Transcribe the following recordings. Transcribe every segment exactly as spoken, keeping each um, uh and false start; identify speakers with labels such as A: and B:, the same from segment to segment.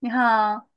A: 你好，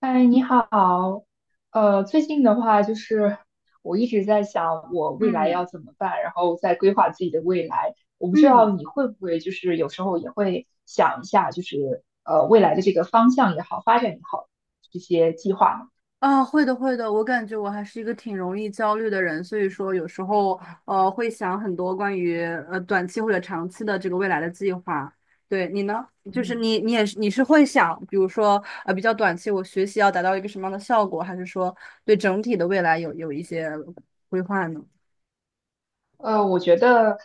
B: 嗨，你好。呃，最近的话，就是我一直在想我未来要
A: 嗯
B: 怎么办，然后在规划自己的未来。我不知道
A: 嗯
B: 你会不会，就是有时候也会想一下，就是呃未来的这个方向也好，发展也好，这些计划呢？
A: 啊，会的会的，我感觉我还是一个挺容易焦虑的人，所以说有时候呃会想很多关于呃短期或者长期的这个未来的计划。对你呢，就是
B: 嗯。
A: 你你也是你是会想，比如说呃比较短期，我学习要达到一个什么样的效果，还是说对整体的未来有有一些规划呢？
B: 呃，我觉得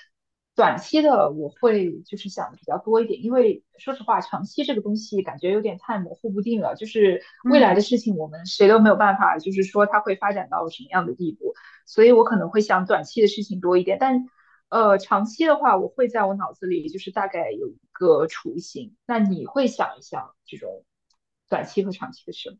B: 短期的我会就是想的比较多一点，因为说实话，长期这个东西感觉有点太模糊不定了。就是未来
A: 嗯
B: 的事情，我们谁都没有办法，就是说它会发展到什么样的地步，所以我可能会想短期的事情多一点。但呃，长期的话，我会在我脑子里就是大概有一个雏形。那你会想一想这种短期和长期的事吗？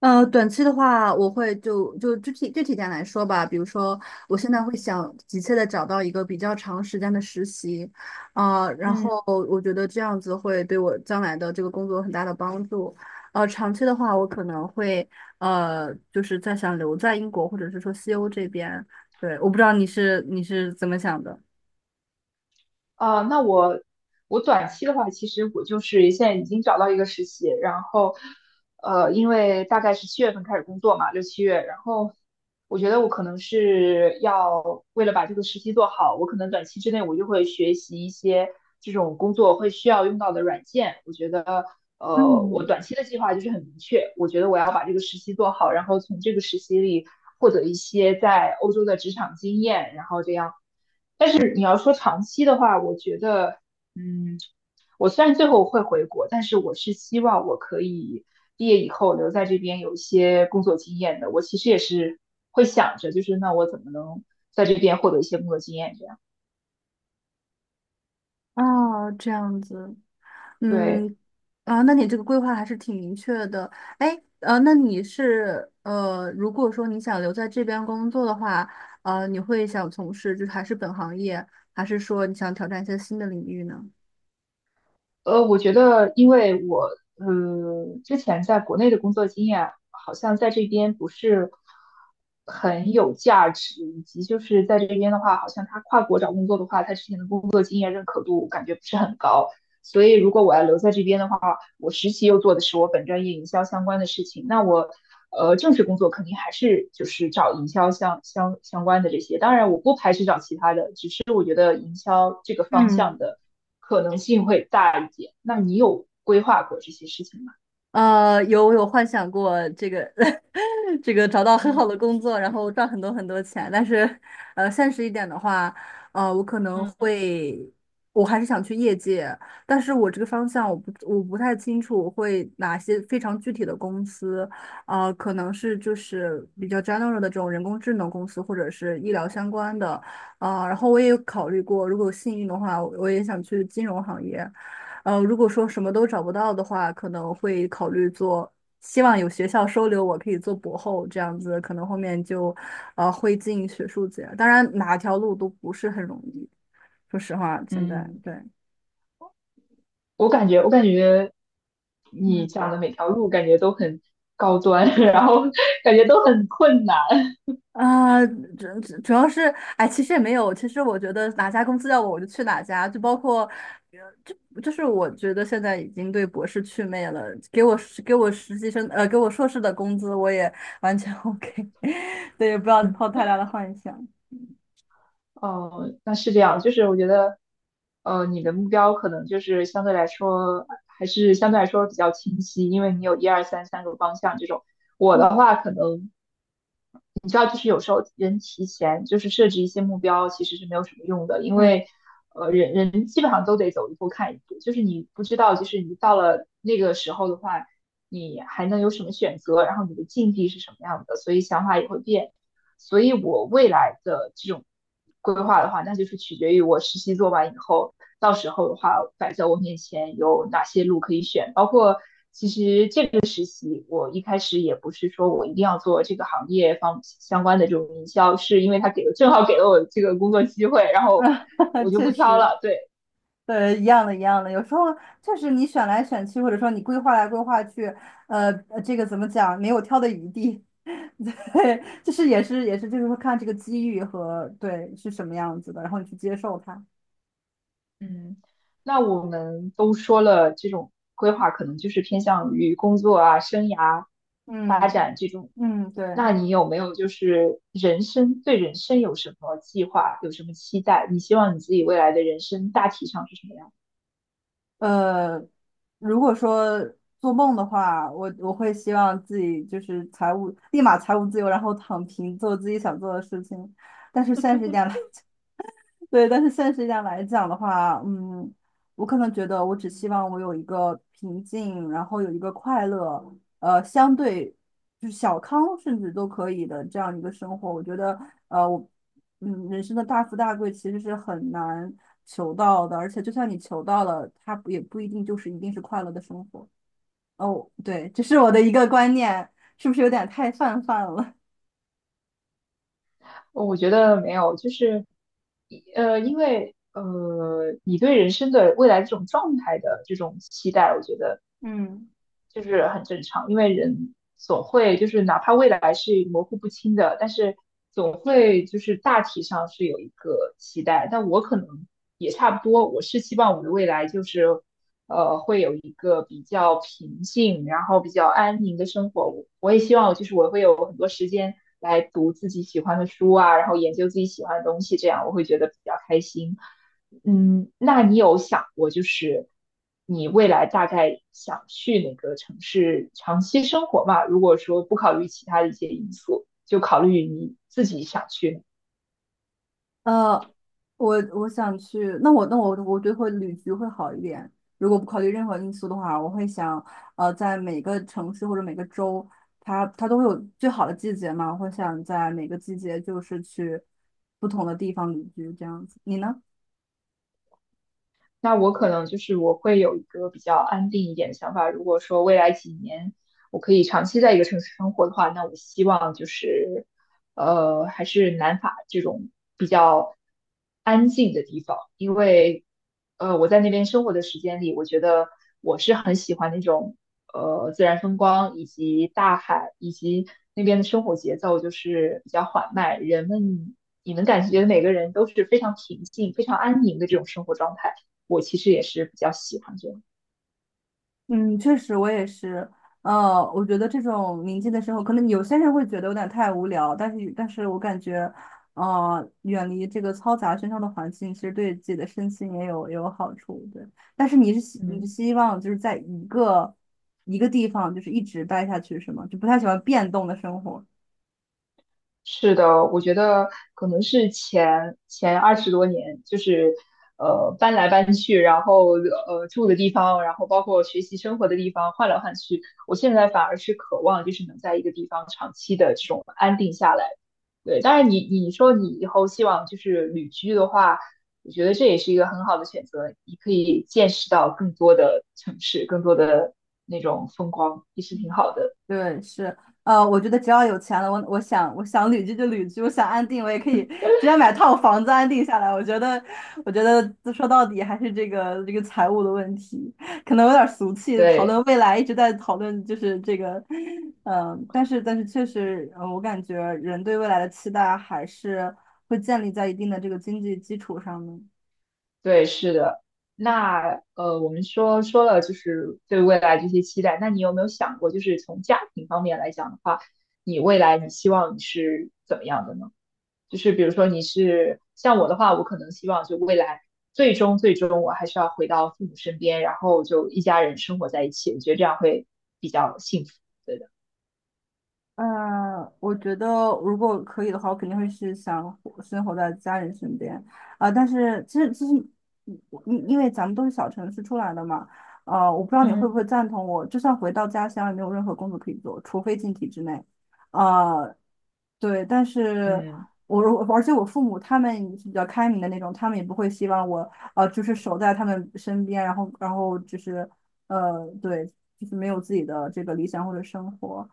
A: 呃，短期的话，我会就就具体具体点来说吧，比如说，我现在会想急切的找到一个比较长时间的实习，啊、然后我觉得这样子会对我将来的这个工作有很大的帮助。呃，长期的话，我可能会呃，就是在想留在英国或者是说西欧这边。对，我不知道你是你是怎么想的。
B: 啊，那我我短期的话，其实我就是现在已经找到一个实习，然后呃，因为大概是七月份开始工作嘛，六七月，然后我觉得我可能是要为了把这个实习做好，我可能短期之内我就会学习一些这种工作会需要用到的软件。我觉得呃，我
A: 嗯，
B: 短期的计划就是很明确，我觉得我要把这个实习做好，然后从这个实习里获得一些在欧洲的职场经验，然后这样。是你要说长期的话，我觉得，嗯，我虽然最后会回国，但是我是希望我可以毕业以后留在这边有一些工作经验的。我其实也是会想着，就是那我怎么能在这边获得一些工作经验？这样，
A: 哦，这样子，
B: 对。
A: 嗯，啊，那你这个规划还是挺明确的。哎，呃，那你是呃，如果说你想留在这边工作的话，呃，你会想从事就是还是本行业，还是说你想挑战一些新的领域呢？
B: 呃，我觉得因为我，呃，之前在国内的工作经验好像在这边不是很有价值，以及就是在这边的话，好像他跨国找工作的话，他之前的工作经验认可度感觉不是很高。所以如果我要留在这边的话，我实习又做的是我本专业营销相关的事情，那我呃正式工作肯定还是就是找营销相相相关的这些。当然，我不排斥找其他的，只是我觉得营销这个方向
A: 嗯。
B: 的可能性会大一点。那你有规划过这些事情吗？
A: 呃，有我有幻想过这个，这个找到很
B: 嗯
A: 好的工作，然后赚很多很多钱，但是，呃，现实一点的话，呃，我可能
B: 嗯
A: 会，我还是想去业界，但是我这个方向我不我不太清楚会哪些非常具体的公司，呃，可能是就是比较 general 的这种人工智能公司或者是医疗相关的，啊、然后我也有考虑过，如果有幸运的话，我也想去金融行业。呃，如果说什么都找不到的话，可能会考虑做，希望有学校收留我，可以做博后这样子，可能后面就，呃，会进学术界。当然，哪条路都不是很容易，说实话，现在
B: 嗯。
A: 对，
B: 我感觉我感觉你
A: 嗯。
B: 讲的每条路感觉都很高端，然后感觉都很困难。
A: 啊，主主主要是，哎，其实也没有。其实我觉得哪家公司要我，我就去哪家。就包括，呃就就是我觉得现在已经对博士祛魅了。给我给我实习生，呃，给我硕士的工资，我也完全 OK。对，也不要
B: 嗯。
A: 抱太大的幻想。
B: 哦，那是这样，就是我觉得，呃，你的目标可能就是相对来说，还是相对来说比较清晰，因为你有一二三三个方向这种。我的话，可能你知道，就是有时候人提前就是设置一些目标，其实是没有什么用的，因
A: 嗯，
B: 为，呃，人人基本上都得走一步看一步，就是你不知道，就是你到了那个时候的话，你还能有什么选择，然后你的境地是什么样的，所以想法也会变。所以我未来的这种规划的话，那就是取决于我实习做完以后，到时候的话摆在我面前有哪些路可以选，包括其实实习，我一开始也不是说我一定要做这个行业方相关的这种营销，是因为他给了正好给了我这个工作机会，然 后
A: 啊，
B: 我就不
A: 确
B: 挑
A: 实，
B: 了。对，
A: 对，一样的，一样的。有时候确实你选来选去，或者说你规划来规划去，呃，呃这个怎么讲，没有挑的余地。对，就是也是也是，就是说看这个机遇和对是什么样子的，然后你去接受它。
B: 嗯，那我们都说了，这种规划可能就是偏向于工作啊、生涯发
A: 嗯
B: 展这种。
A: 嗯，对。
B: 那你有没有就是人生，对人生有什么计划，有什么期待？你希望你自己未来的人生大体上是什么样？
A: 呃，如果说做梦的话，我我会希望自己就是财务立马财务自由，然后躺平做自己想做的事情。但是现实一点来对，但是现实一点来讲的话，嗯，我可能觉得我只希望我有一个平静，然后有一个快乐，呃，相对就是小康甚至都可以的这样一个生活。我觉得，呃，我，嗯，人生的大富大贵其实是很难求到的，而且就算你求到了，它不也不一定就是一定是快乐的生活。哦，对，这是我的一个观念，是不是有点太泛泛了？
B: 我觉得没有，就是呃，因为呃，你对人生的未来这种状态的这种期待，我觉得。
A: 嗯。
B: 就是很正常，因为人总会就是哪怕未来是模糊不清的，但是总会就是大体上是有一个期待。但我可能也差不多，我是希望我的未来就是呃会有一个比较平静，然后比较安宁的生活。我我也希望就是我会有很多时间来读自己喜欢的书啊，然后研究自己喜欢的东西，这样我会觉得比较开心。嗯，那你有想过，就是你未来大概想去哪个城市长期生活吗？如果说不考虑其他的一些因素，就考虑你自己想去。
A: 呃，我我想去，那我那我我觉得会旅居会好一点。如果不考虑任何因素的话，我会想，呃，在每个城市或者每个州，它它都会有最好的季节嘛，我会想在每个季节就是去不同的地方旅居这样子。你呢？
B: 那我可能就是我会有一个比较安定一点的想法。如果说未来几年我可以长期在一个城市生活的话，那我希望就是呃还是南法这种比较安静的地方，因为呃我在那边生活的时间里，我觉得我是很喜欢那种呃自然风光以及大海以及那边的生活节奏就是比较缓慢，人们。你能感觉每个人都是非常平静、非常安宁的这种生活状态。我其实也是比较喜欢这样。
A: 嗯，确实，我也是。呃，我觉得这种宁静的生活，可能有些人会觉得有点太无聊，但是，但是我感觉，呃，远离这个嘈杂喧嚣的环境，其实对自己的身心也有也有好处。对，但是你是希你是
B: 嗯，
A: 希望就是在一个一个地方，就是一直待下去，是吗？就不太喜欢变动的生活。
B: 是的，我觉得可能是前前二十多年，就是呃搬来搬去，然后呃住的地方，然后包括学习生活的地方换来换去，我现在反而是渴望就是能在一个地方长期的这种安定下来。对，当然你你说你以后希望就是旅居的话，我觉得这也是一个很好的选择，你可以见识到更多的城市，更多的那种风光，也是挺好的。
A: 对，是，呃，我觉得只要有钱了，我我想我想旅居就旅居，我想安定，我也可以直接买套房子安定下来。我觉得，我觉得说到底还是这个这个财务的问题，可能有点俗气，讨论
B: 对。
A: 未来一直在讨论就是这个，嗯、但是但是确实，呃我感觉人对未来的期待还是会建立在一定的这个经济基础上的。
B: 对，是的。那呃，我们说说了就是对未来这些期待，那你有没有想过，就是从家庭方面来讲的话，你未来你希望你是怎么样的呢？就是比如说你是像我的话，我可能希望就未来最终最终我还是要回到父母身边，然后就一家人生活在一起，我觉得这样会比较幸福。对的。
A: 呃，我觉得如果可以的话，我肯定会是想活生活在家人身边啊、但是其实其实，你因因为咱们都是小城市出来的嘛，呃，我不知道你会不
B: 嗯。
A: 会赞同我，就算回到家乡，也没有任何工作可以做，除非进体制内。呃，对，但是
B: 嗯。
A: 我如而且我父母他们是比较开明的那种，他们也不会希望我呃就是守在他们身边，然后然后就是呃对，就是没有自己的这个理想或者生活。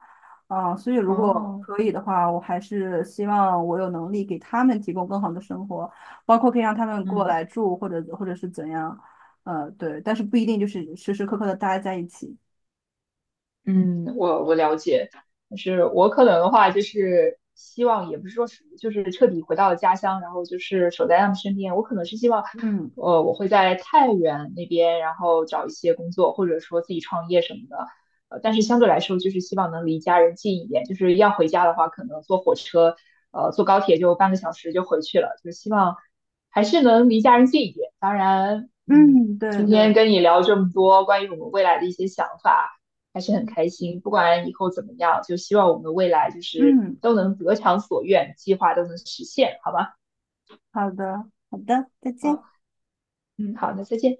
A: 啊，所以如果
B: 哦。
A: 可以的话，我还是希望我有能力给他们提供更好的生活，包括可以让他们过
B: 嗯。
A: 来住，或者或者是怎样，呃，对，但是不一定就是时时刻刻的待在一起。
B: 嗯，我我了解，就是我可能的话，就是希望也不是说是就是彻底回到了家乡，然后就是守在他们身边。我可能是希望，
A: 嗯
B: 呃，我会在太原那边，然后找一些工作，或者说自己创业什么的。呃，但是相对来说，就是希望能离家人近一点。就是要回家的话，可能坐火车，呃，坐高铁就半个小时就回去了。就是希望还是能离家人近一点。当然，嗯，
A: 嗯，对
B: 今天
A: 对，
B: 跟你聊这么多关于我们未来的一些想法。还是很
A: 嗯
B: 开心。不管以后怎么样，就希望我们未来就是
A: 嗯，
B: 都能得偿所愿，计划都能实现，好吧？
A: 好的好的，再见。
B: 哦，嗯，好，那再见。